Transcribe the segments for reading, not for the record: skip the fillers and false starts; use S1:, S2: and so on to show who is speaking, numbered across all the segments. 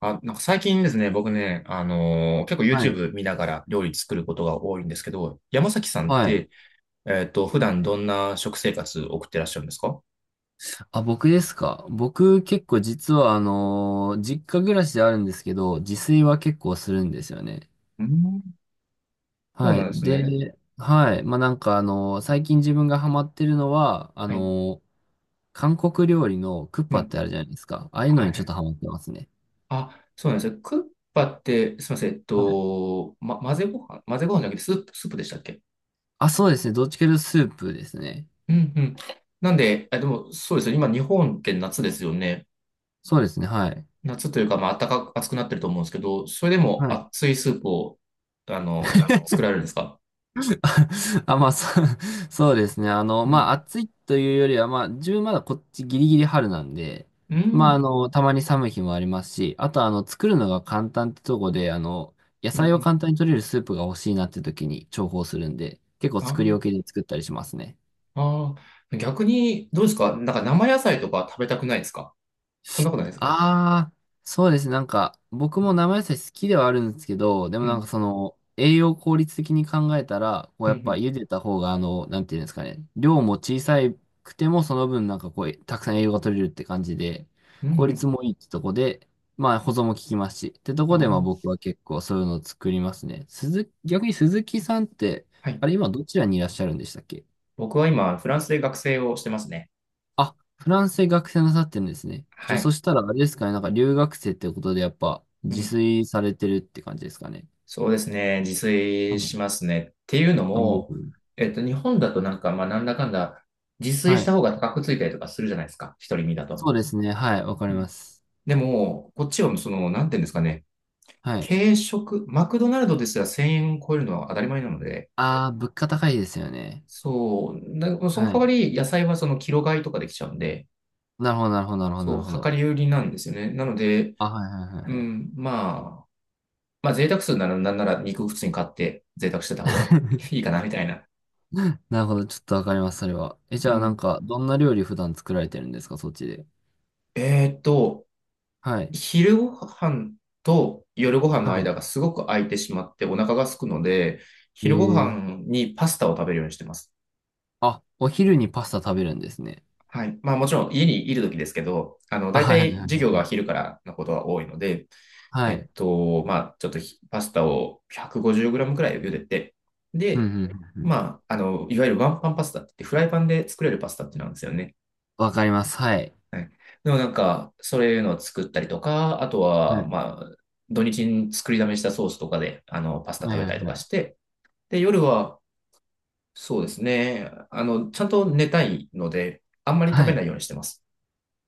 S1: あ、なんか最近ですね、僕ね、結構
S2: はい。
S1: YouTube 見ながら料理作ることが多いんですけど、山崎さんっ
S2: はい。
S1: て、普段どんな食生活送ってらっしゃるんですか？
S2: あ、僕ですか。僕結構実は実家暮らしではあるんですけど、自炊は結構するんですよね。
S1: うん、そう
S2: は
S1: なん
S2: い。
S1: ですね。
S2: で、はい。まあ、なんか最近自分がハマってるのは、
S1: はい。
S2: 韓国料理のクッ
S1: う
S2: パっ
S1: ん。
S2: てあるじゃないですか。ああいうの
S1: は
S2: にちょっ
S1: い。
S2: とハマってますね。
S1: あ、そうなんですね。クッパって、すみません、
S2: はい。
S1: ま、混ぜご飯、混ぜご飯じゃなくてスープ、スープでしたっけ？
S2: あ、そうですね。どっちかというとスープですね。
S1: うんうん。なんで、でも、そうですよ。今、日本って夏ですよね。
S2: そうですね。はい。
S1: 夏というか、まあ、暖かく、暑くなってると思うんですけど、それでも
S2: はい。
S1: 熱いスープを、作られるんですか？
S2: あ、まあ、そう、そうですね。あの、
S1: う
S2: まあ、
S1: ん。
S2: 暑いというよりは、まあ、自分まだこっちギリギリ春なんで、
S1: う
S2: まあ、あ
S1: ん。
S2: の、たまに寒い日もありますし、あと、あの、作るのが簡単ってとこで、あの、野
S1: う
S2: 菜を
S1: ん。
S2: 簡単に取れるスープが欲しいなって時に重宝するんで、結構
S1: あ
S2: 作り置きで作ったりしますね。
S1: あ。ああ。逆に、どうですか？なんか生野菜とか食べたくないですか？そんなことないですか？
S2: ああ、そうですね。なんか、僕
S1: う
S2: も
S1: ん。
S2: 生野菜好きではあるんですけど、で
S1: う
S2: もなんか
S1: ん。
S2: その、栄養効率的に考えたら、こう
S1: う
S2: やっぱ
S1: ん。
S2: 茹でた方が、なんていうんですかね、量も小さくても、その分なんかこう、たくさん栄養が取れるって感じで、
S1: うん。
S2: 効
S1: うん。
S2: 率もいいってとこで、まあ保存も効きますし、ってと
S1: あ
S2: こで、まあ僕
S1: あ。
S2: は結構そういうのを作りますね。逆に鈴木さんって、
S1: はい。
S2: あれ今どちらにいらっしゃるんでしたっけ？
S1: 僕は今、フランスで学生をしてますね。
S2: あ、フランスで学生なさってるんですね。じゃ
S1: は
S2: あ、そ
S1: い。
S2: したらあれですかね、なんか留学生ってことでやっぱ
S1: う
S2: 自
S1: ん。
S2: 炊されてるって感じですかね。
S1: そうですね。自
S2: は
S1: 炊し
S2: い。
S1: ますね。っていうの
S2: おー。
S1: も、日本だとなんか、まあ、なんだかんだ、自炊
S2: は
S1: した
S2: い。
S1: 方が高くついたりとかするじゃないですか。一人身だと。
S2: そうですね。はい。わか
S1: う
S2: り
S1: ん。
S2: ます。
S1: でも、こっちはその、なんていうんですかね。
S2: はい。
S1: 軽食、マクドナルドですら1000円超えるのは当たり前なので、
S2: ああ、物価高いですよね。
S1: そう、だその
S2: は
S1: 代わ
S2: い。
S1: り野菜はそのキロ買いとかできちゃうんで、
S2: なるほど、なるほど、なるほど、な
S1: そ
S2: る
S1: う、
S2: ほ
S1: 量
S2: ど。
S1: り売りなんですよね。なので、
S2: あ、はい、はい、は
S1: う
S2: い、はい。
S1: ん、まあ、まあ贅沢するならなんなら肉普通に買って贅沢してた方が いいかなみたいな。
S2: なるほど。ちょっとわかります、それは。え、じ
S1: う
S2: ゃあ、なん
S1: ん。
S2: か、どんな料理普段作られてるんですか、そっちで。
S1: えーっと、
S2: はい。
S1: 昼ご飯と夜ご飯の
S2: は
S1: 間がすごく空いてしまってお腹が空くので、
S2: い。
S1: 昼ご
S2: えー。
S1: 飯にパスタを食べるようにしてます。
S2: あ、お昼にパスタ食べるんですね。
S1: はい。まあもちろん家にいる時ですけど、
S2: あ、
S1: 大
S2: はい、はい、
S1: 体
S2: は
S1: 授業が
S2: い。
S1: 昼からのことは多いので、
S2: はい。はい。
S1: まあちょっとパスタを 150g くごじゅうグラムくらい茹でて、
S2: うん、う
S1: で、
S2: ん。うん。
S1: まあ、いわゆるワンパンパスタって言ってフライパンで作れるパスタってなんですよね。
S2: わかります。はい。
S1: はい。でもなんか、そういうのを作ったりとか、あと
S2: は
S1: は、
S2: い。
S1: まあ、土日に作りだめしたソースとかで、パスタ
S2: は
S1: 食
S2: い
S1: べ
S2: は
S1: たり
S2: い
S1: と
S2: は
S1: かし
S2: い。
S1: て、で、夜は、そうですね、ちゃんと寝たいので、あんまり食
S2: は
S1: べな
S2: い。
S1: いようにしてます。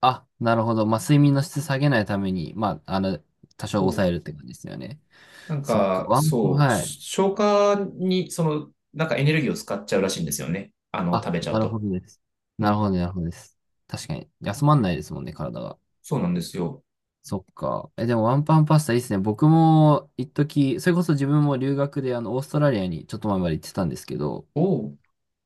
S2: あ、なるほど。まあ、睡眠の質下げないために、まあ、多少
S1: そ
S2: 抑
S1: う。
S2: えるって感じですよね。
S1: なん
S2: そっか。
S1: か、そう、
S2: はい。
S1: 消化に、その、なんかエネルギーを使っちゃうらしいんですよね。
S2: あ、
S1: 食べちゃう
S2: なるほ
S1: と。
S2: どです。
S1: う
S2: なるほ
S1: ん。
S2: ど、なるほどです。確かに。休まんないですもんね、体が。
S1: そうなんですよ。
S2: そっか。え、でもワンパンパスタいいですね。僕も、一時、それこそ自分も留学で、あの、オーストラリアにちょっと前まで行ってたんですけど、
S1: おう。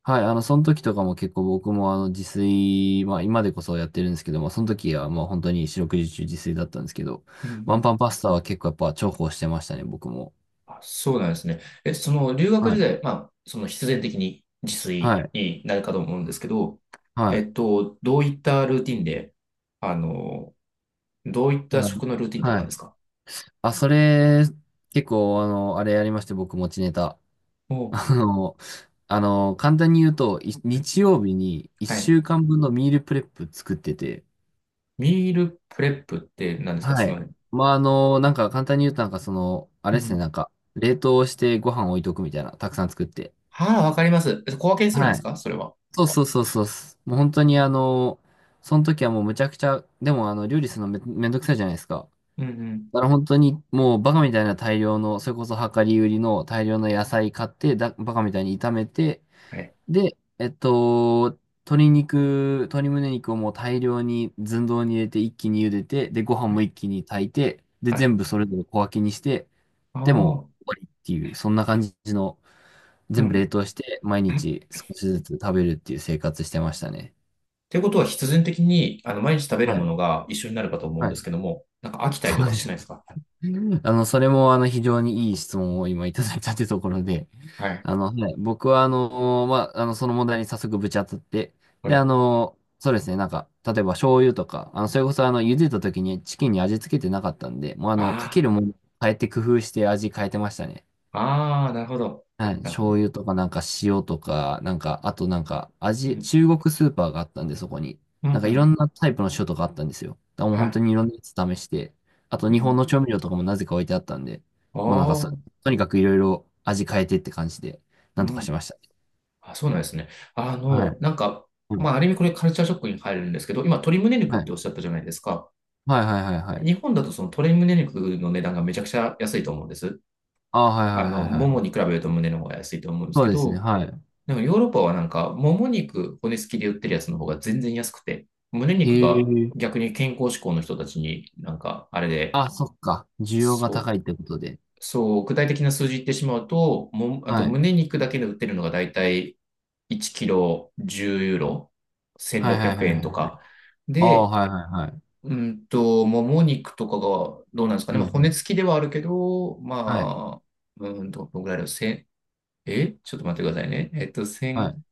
S2: はい、あの、その時とかも結構僕もあの自炊、まあ今でこそやってるんですけども、その時はもう本当に四六時中自炊だったんですけど、
S1: うんう
S2: ワン
S1: ん。
S2: パンパスタは結構やっぱ重宝してましたね、僕も。
S1: あ、そうなんですね。え、その、留学
S2: は
S1: 時
S2: い。
S1: 代、まあ、その必然的に自
S2: は
S1: 炊
S2: い。
S1: になるかと思うんですけど、
S2: はい。
S1: どういったルーティンで、あの、どういった
S2: だから、
S1: 食のルーティンだっ
S2: は
S1: たんで
S2: い。
S1: すか？
S2: あ、それ、結構あの、あれやりまして、僕持ちネタ。
S1: お う。
S2: あの、あの、簡単に言うと、
S1: はい。
S2: 日曜日に
S1: は
S2: 一
S1: い。
S2: 週間分のミールプレップ作ってて、
S1: ミールプレップって何ですか？
S2: は
S1: すみ
S2: い。
S1: ません。
S2: まあ、あの、なんか簡単に言うと、なんかその、あ
S1: う
S2: れですね、
S1: ん。
S2: なんか、冷凍してご飯置いとくみたいな、たくさん作って。
S1: はあ、わかります。小分けにするんで
S2: は
S1: す
S2: い。
S1: かそれは？
S2: そうそうそうそうっす。もう本当にあの、その時はもうむちゃくちゃ、でもあの、料理するのめんどくさいじゃないですか。
S1: うんうん。
S2: だから本当にもうバカみたいな大量の、それこそ量り売りの大量の野菜買って、バカみたいに炒めて、
S1: はい。
S2: で、鶏肉、鶏胸肉をもう大量に寸胴に入れて一気に茹でて、で、ご飯
S1: は
S2: も
S1: い。
S2: 一気に炊いて、で、
S1: はい。
S2: 全部それぞれ小分けにして、
S1: あ
S2: でも
S1: あ、
S2: う終わりっていう、そんな感じの、
S1: う
S2: 全部
S1: ん。
S2: 冷凍して、毎日
S1: っ
S2: 少しずつ食べるっていう生活してましたね。
S1: ていうことは必然的に、毎日食べる
S2: は
S1: もの
S2: い。
S1: が一緒になるかと思うん
S2: は
S1: で
S2: い。
S1: すけども、なんか飽きたりと
S2: そう
S1: か
S2: で
S1: し
S2: す。
S1: ないですか？
S2: あの、それも、あの、非常にいい質問を今いただいたというところで、
S1: はい。
S2: あの、はい、僕は、まあ、あの、その問題に早速ぶち当たって、
S1: は
S2: で、
S1: い。
S2: そうですね、なんか、例えば醤油とか、あの、それこそ、あの、茹でた時にチキンに味付けてなかったんで、もう、あの、か
S1: あ
S2: けるもの変えて工夫して味変えてましたね。
S1: あ、ああ、なるほど。
S2: はい、
S1: なるほ
S2: 醤
S1: ど。
S2: 油とか、なんか塩とか、なんか、あとなんか、
S1: う
S2: 味、
S1: ん。
S2: 中国スーパーがあったんで、そこに。
S1: うん、う
S2: なんか、いろ
S1: ん。
S2: んなタイプの塩とかあったんですよ。だからもう
S1: は
S2: 本当
S1: い。
S2: にいろんなやつ試して、あと、
S1: う
S2: 日本
S1: ん。
S2: の調味料とかもなぜか置いてあったんで、
S1: あ
S2: もうなんかそ、
S1: あ、
S2: とにかくいろいろ味変えてって感じで、
S1: う
S2: なんとかし
S1: ん。
S2: ました。
S1: あ、そうなんですね。
S2: はい。
S1: なんか、
S2: う
S1: まあ、
S2: ん。
S1: ある意味これカルチャーショックに入るんですけど、今、鶏胸肉っ
S2: は
S1: てお
S2: い。
S1: っしゃったじゃないですか。
S2: はいはいはいはい。
S1: 日本だとその鶏胸肉の値段がめちゃくちゃ安いと思うんです。
S2: ああ、はいはいはいは
S1: もも
S2: い。
S1: に比べると胸の方が安いと思うんです
S2: そ
S1: け
S2: うですね。
S1: ど、
S2: はい。
S1: でもヨーロッパはなんか、もも肉骨付きで売ってるやつの方が全然安くて、胸
S2: へ
S1: 肉が
S2: え。
S1: 逆に健康志向の人たちになんか、あれで、
S2: あ、そっか。需要が
S1: そ
S2: 高
S1: う、
S2: いってことで。
S1: そう、具体的な数字言ってしまうと、あ
S2: は
S1: と
S2: い。
S1: 胸肉だけで売ってるのがだいたい1キロ10ユーロ、
S2: はい
S1: 1600
S2: はいはい
S1: 円と
S2: はい。
S1: か。
S2: ああ、
S1: で、
S2: はいはいはい。
S1: もも肉とかがどうなんですか
S2: う
S1: ね。
S2: ん
S1: ま
S2: う
S1: あ、骨
S2: ん。
S1: 付きではあるけど、
S2: はい。
S1: まあ、どのぐらいだろう。せんえちょっと待ってくださいね。えっと、
S2: は
S1: 千
S2: い。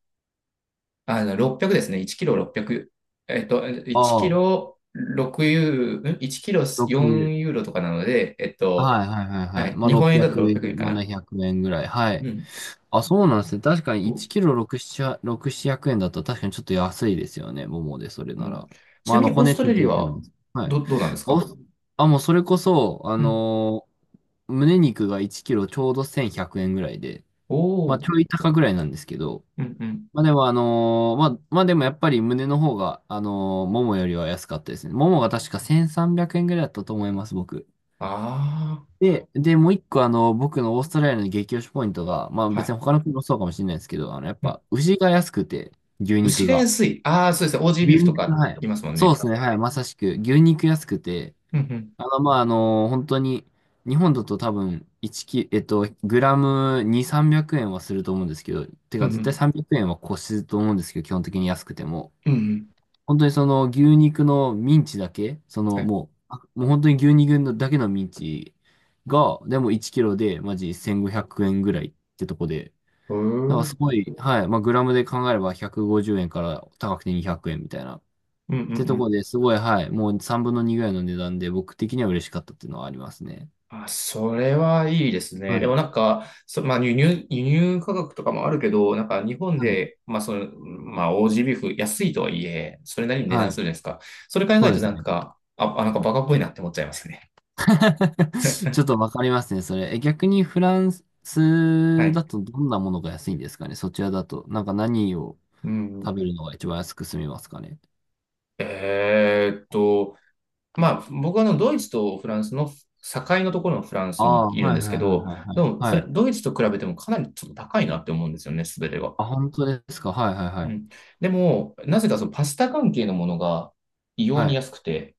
S1: あの、600ですね。1キロ600。えっと、1キ
S2: ああ、
S1: ロ6ユーロ、ん？ 1 キロ
S2: 六
S1: 4ユーロとかなので、えっと、
S2: はいはいはい
S1: は
S2: はい。
S1: い。
S2: まあ、
S1: 日本円
S2: 600
S1: だと600円
S2: 円、
S1: かな。
S2: 700円ぐらい。は
S1: う
S2: い。
S1: ん。
S2: あ、そうなんですね。確かに
S1: お、
S2: 1キロ6、7、6、700円だと確かにちょっと安いですよね。ももで、それ
S1: う
S2: な
S1: ん、
S2: ら。
S1: ち
S2: ま
S1: な
S2: あ、あ
S1: み
S2: の、
S1: に、オー
S2: 骨
S1: ス
S2: つ
S1: トラ
S2: いて
S1: リア
S2: るっての
S1: は、
S2: も。はい。
S1: どうなんです
S2: お、
S1: か？
S2: あ、もうそれこそ、
S1: うん。
S2: 胸肉が1キロちょうど1100円ぐらいで、ま
S1: お
S2: あ、
S1: ー。
S2: ちょい高ぐらいなんですけど、
S1: うんうん。
S2: まあ、でも、まあ、まあ、でもやっぱり胸の方が、ももよりは安かったですね。ももが確か1300円ぐらいだったと思います、僕。
S1: あ
S2: で、で、もう一個あの、僕のオーストラリアの激推しポイントが、まあ
S1: あ。は
S2: 別
S1: い。
S2: に他の国もそうかもしれないですけど、あの、やっ
S1: うん。
S2: ぱ牛が安くて、牛
S1: 牛
S2: 肉
S1: が
S2: が。
S1: 安い。ああ、そうですね。オージービー
S2: 牛
S1: フと
S2: 肉が、
S1: か
S2: はい。
S1: 言いますもん
S2: そう
S1: ね。
S2: ですね、はい、まさしく、牛肉安くて、
S1: うんうん。
S2: あの、まああの、本当に、日本だと多分、1キ、グラム2、300円はすると思うんですけど、て
S1: うん
S2: か
S1: う
S2: 絶対
S1: ん。
S2: 300円は越すと思うんですけど、基本的に安くても。
S1: うんうん。
S2: 本当にその牛肉のミンチだけ、そ
S1: は
S2: の
S1: い。
S2: もう、もう本当に牛肉のだけのミンチが、でも1キロでマジ1500円ぐらいってとこで、
S1: うー
S2: なん
S1: ん。う
S2: かす
S1: ん
S2: ごい、はい、まあグラムで考えれば150円から高くて200円みたいな。っ
S1: うんう
S2: てとこ
S1: ん。
S2: ですごい、はい、もう3分の2ぐらいの値段で僕的には嬉しかったっていうのはありますね。
S1: あ、それはいいですね。
S2: は
S1: でも
S2: い、
S1: なんか、まあ、輸入価格とかもあるけど、なんか日本
S2: はい、
S1: で、まあその、まあオージービーフ安いとはいえ、それなりに値
S2: は
S1: 段
S2: い、
S1: するじゃないですか。それ考え
S2: そう
S1: る
S2: で
S1: と
S2: す
S1: なん
S2: ね。
S1: か、あなんかバカっぽいなって思っちゃいますね。
S2: ちょっとわかりますね、それ。え、逆にフラン
S1: は
S2: ス
S1: い。
S2: だとどんなものが安いんですかね、そちらだと。なんか何を。
S1: うん。
S2: 食べるのが一番安く済みますかね。
S1: えーっと、まあ僕はあのドイツとフランスの境のところのフラン
S2: あ
S1: スに
S2: あ、
S1: いるん
S2: はい
S1: で
S2: は
S1: す
S2: い
S1: け
S2: はい
S1: ど、
S2: はい
S1: でも
S2: は
S1: フ
S2: い。は
S1: ラ
S2: い。
S1: ドイツと比べてもかなりちょっと高いなって思うんですよね、すべてが。
S2: あ、本当ですか。はいはいは
S1: う
S2: い。
S1: ん。でも、なぜかそのパスタ関係のものが異様
S2: は
S1: に
S2: い。
S1: 安くて、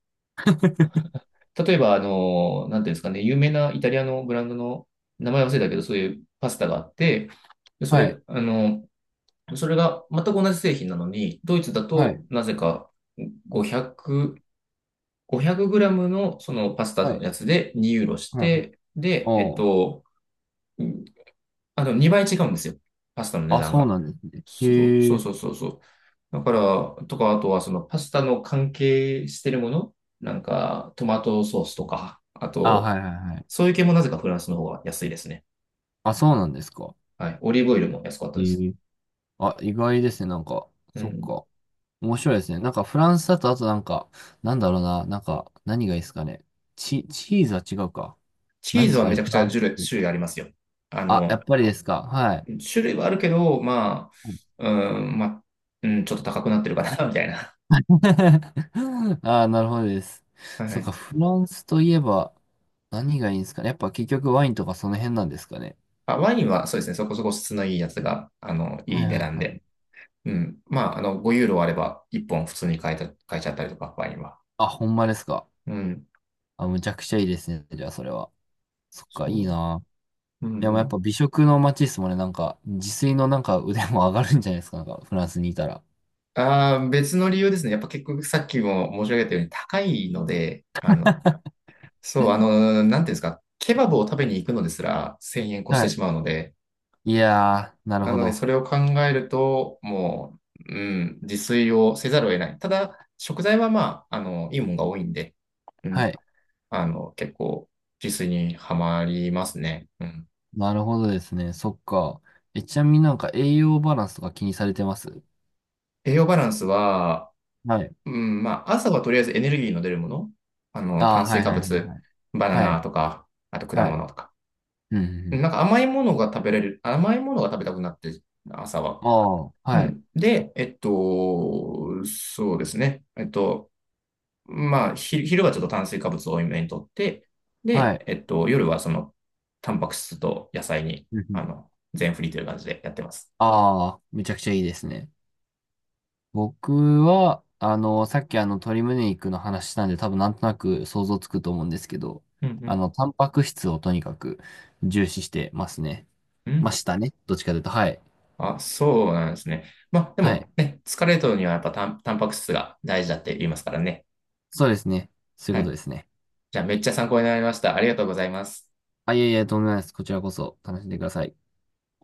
S1: 例えば、なんていうんですかね、有名なイタリアのブランドの名前忘れたけど、そういうパスタがあって、でそ
S2: はい。
S1: れ、それが全く同じ製品なのに、ドイツだ
S2: は
S1: と
S2: い。
S1: なぜか500、5グラムのそのパスタ
S2: は
S1: の
S2: い。
S1: やつで2ユーロし
S2: はいはいはいはいはい。
S1: て、で、えっ
S2: おー。
S1: と、あ、でも2倍違うんですよ。パスタの値
S2: あ、
S1: 段
S2: そう
S1: が。
S2: なんですね。
S1: そう
S2: へ
S1: そう
S2: え。
S1: そうそうそう。だから、とか、あとはそのパスタの関係してるもの、なんかトマトソースとか、あ
S2: あ、は
S1: と、
S2: いはいはい。
S1: そういう系もなぜかフランスの方が安いですね。
S2: あ、そうなんですか。
S1: はい。オリーブオイルも安かった
S2: へ
S1: です。
S2: え。あ、意外ですね。なんか、
S1: う
S2: そっ
S1: ん。
S2: か。面白いですね。なんかフランスだと、あとなんか、なんだろうな。なんか、何がいいですかね。チーズは違うか。
S1: チ
S2: なん
S1: ー
S2: で
S1: ズ
S2: す
S1: は
S2: か
S1: め
S2: ね、
S1: ちゃく
S2: フ
S1: ち
S2: ラ
S1: ゃ
S2: ン
S1: 種
S2: スっ
S1: 類、
S2: て。
S1: 種類ありますよ。あ
S2: あ、やっ
S1: の、
S2: ぱりですか。はい。
S1: 種類はあるけど、まあ、うん、まあ、うん、ちょっと高くなってるかな、みたいな。
S2: ああ、なるほどです。
S1: は
S2: そっ
S1: い。
S2: か、フランスといえば何がいいんですかね。やっぱ結局ワインとかその辺なんですかね。
S1: あ、ワインはそうですね、そこそこ質のいいやつが、
S2: は
S1: いい
S2: い
S1: 値
S2: は
S1: 段
S2: いはい。
S1: で。うん。まあ、5ユーロあれば、1本普通に買えた、買えちゃったりとか、ワインは。
S2: あ、ほんまですか。
S1: うん。
S2: あ、むちゃくちゃいいですね。じゃあそれは。そっか、
S1: そ
S2: いい
S1: う。
S2: な。
S1: う
S2: で
S1: んう
S2: もやっ
S1: ん。
S2: ぱ美食の街ですもんね。なんか、自炊のなんか腕も上がるんじゃないですか。なんか、フランスにいたら。
S1: ああ、別の理由ですね。やっぱ結局さっきも申し上げたように高いので、そ
S2: う
S1: う、
S2: ん。
S1: なんていうんですか、ケバブを食べに行くのですら1000円越し
S2: は
S1: てし
S2: い。
S1: まうので、
S2: いやー、なる
S1: な
S2: ほ
S1: ので
S2: ど。
S1: それを考えると、もう、うん、自炊をせざるを得ない。ただ、食材はまあ、いいものが多いんで、う
S2: は
S1: ん、
S2: い。
S1: 結構自炊にはまりますね。うん。
S2: なるほどですね。そっか。え、ちなみになんか栄養バランスとか気にされてます？
S1: 栄養バランスは、
S2: はい。
S1: うん、まあ、朝はとりあえずエネルギーの出るもの。
S2: ああ、
S1: 炭
S2: は
S1: 水
S2: い
S1: 化
S2: はいはい
S1: 物、
S2: はい。
S1: バナ
S2: は
S1: ナ
S2: い。
S1: とか、あと果
S2: はい。
S1: 物とか。
S2: うんう
S1: なん
S2: ん。
S1: か甘いものが食べれる、甘いものが食べたくなって、朝は。
S2: ああ、
S1: う
S2: はい。
S1: ん。で、そうですね。まあ、昼はちょっと炭水化物を多めにとって、
S2: は
S1: で、
S2: い。
S1: 夜はその、タンパク質と野菜に、
S2: うんうん。
S1: 全振りという感じでやってます。
S2: ああ、めちゃくちゃいいですね。僕は、あの、さっきあの、鶏胸肉の話したんで、多分なんとなく想像つくと思うんですけど、
S1: うんうん。
S2: あの、タンパク質をとにかく重視してますね。
S1: う
S2: ま
S1: ん。
S2: したね。どっちかというと、はい。
S1: あ、そうなんですね。まあ、で
S2: は
S1: も
S2: い。
S1: ね、疲れるのにはやっぱタンパク質が大事だって言いますからね。
S2: そうですね。そういう
S1: は
S2: こと
S1: い。
S2: ですね。
S1: じゃあめっちゃ参考になりました。ありがとうございます。
S2: あ、いえいえ、とんでもないです。こちらこそ楽しんでください。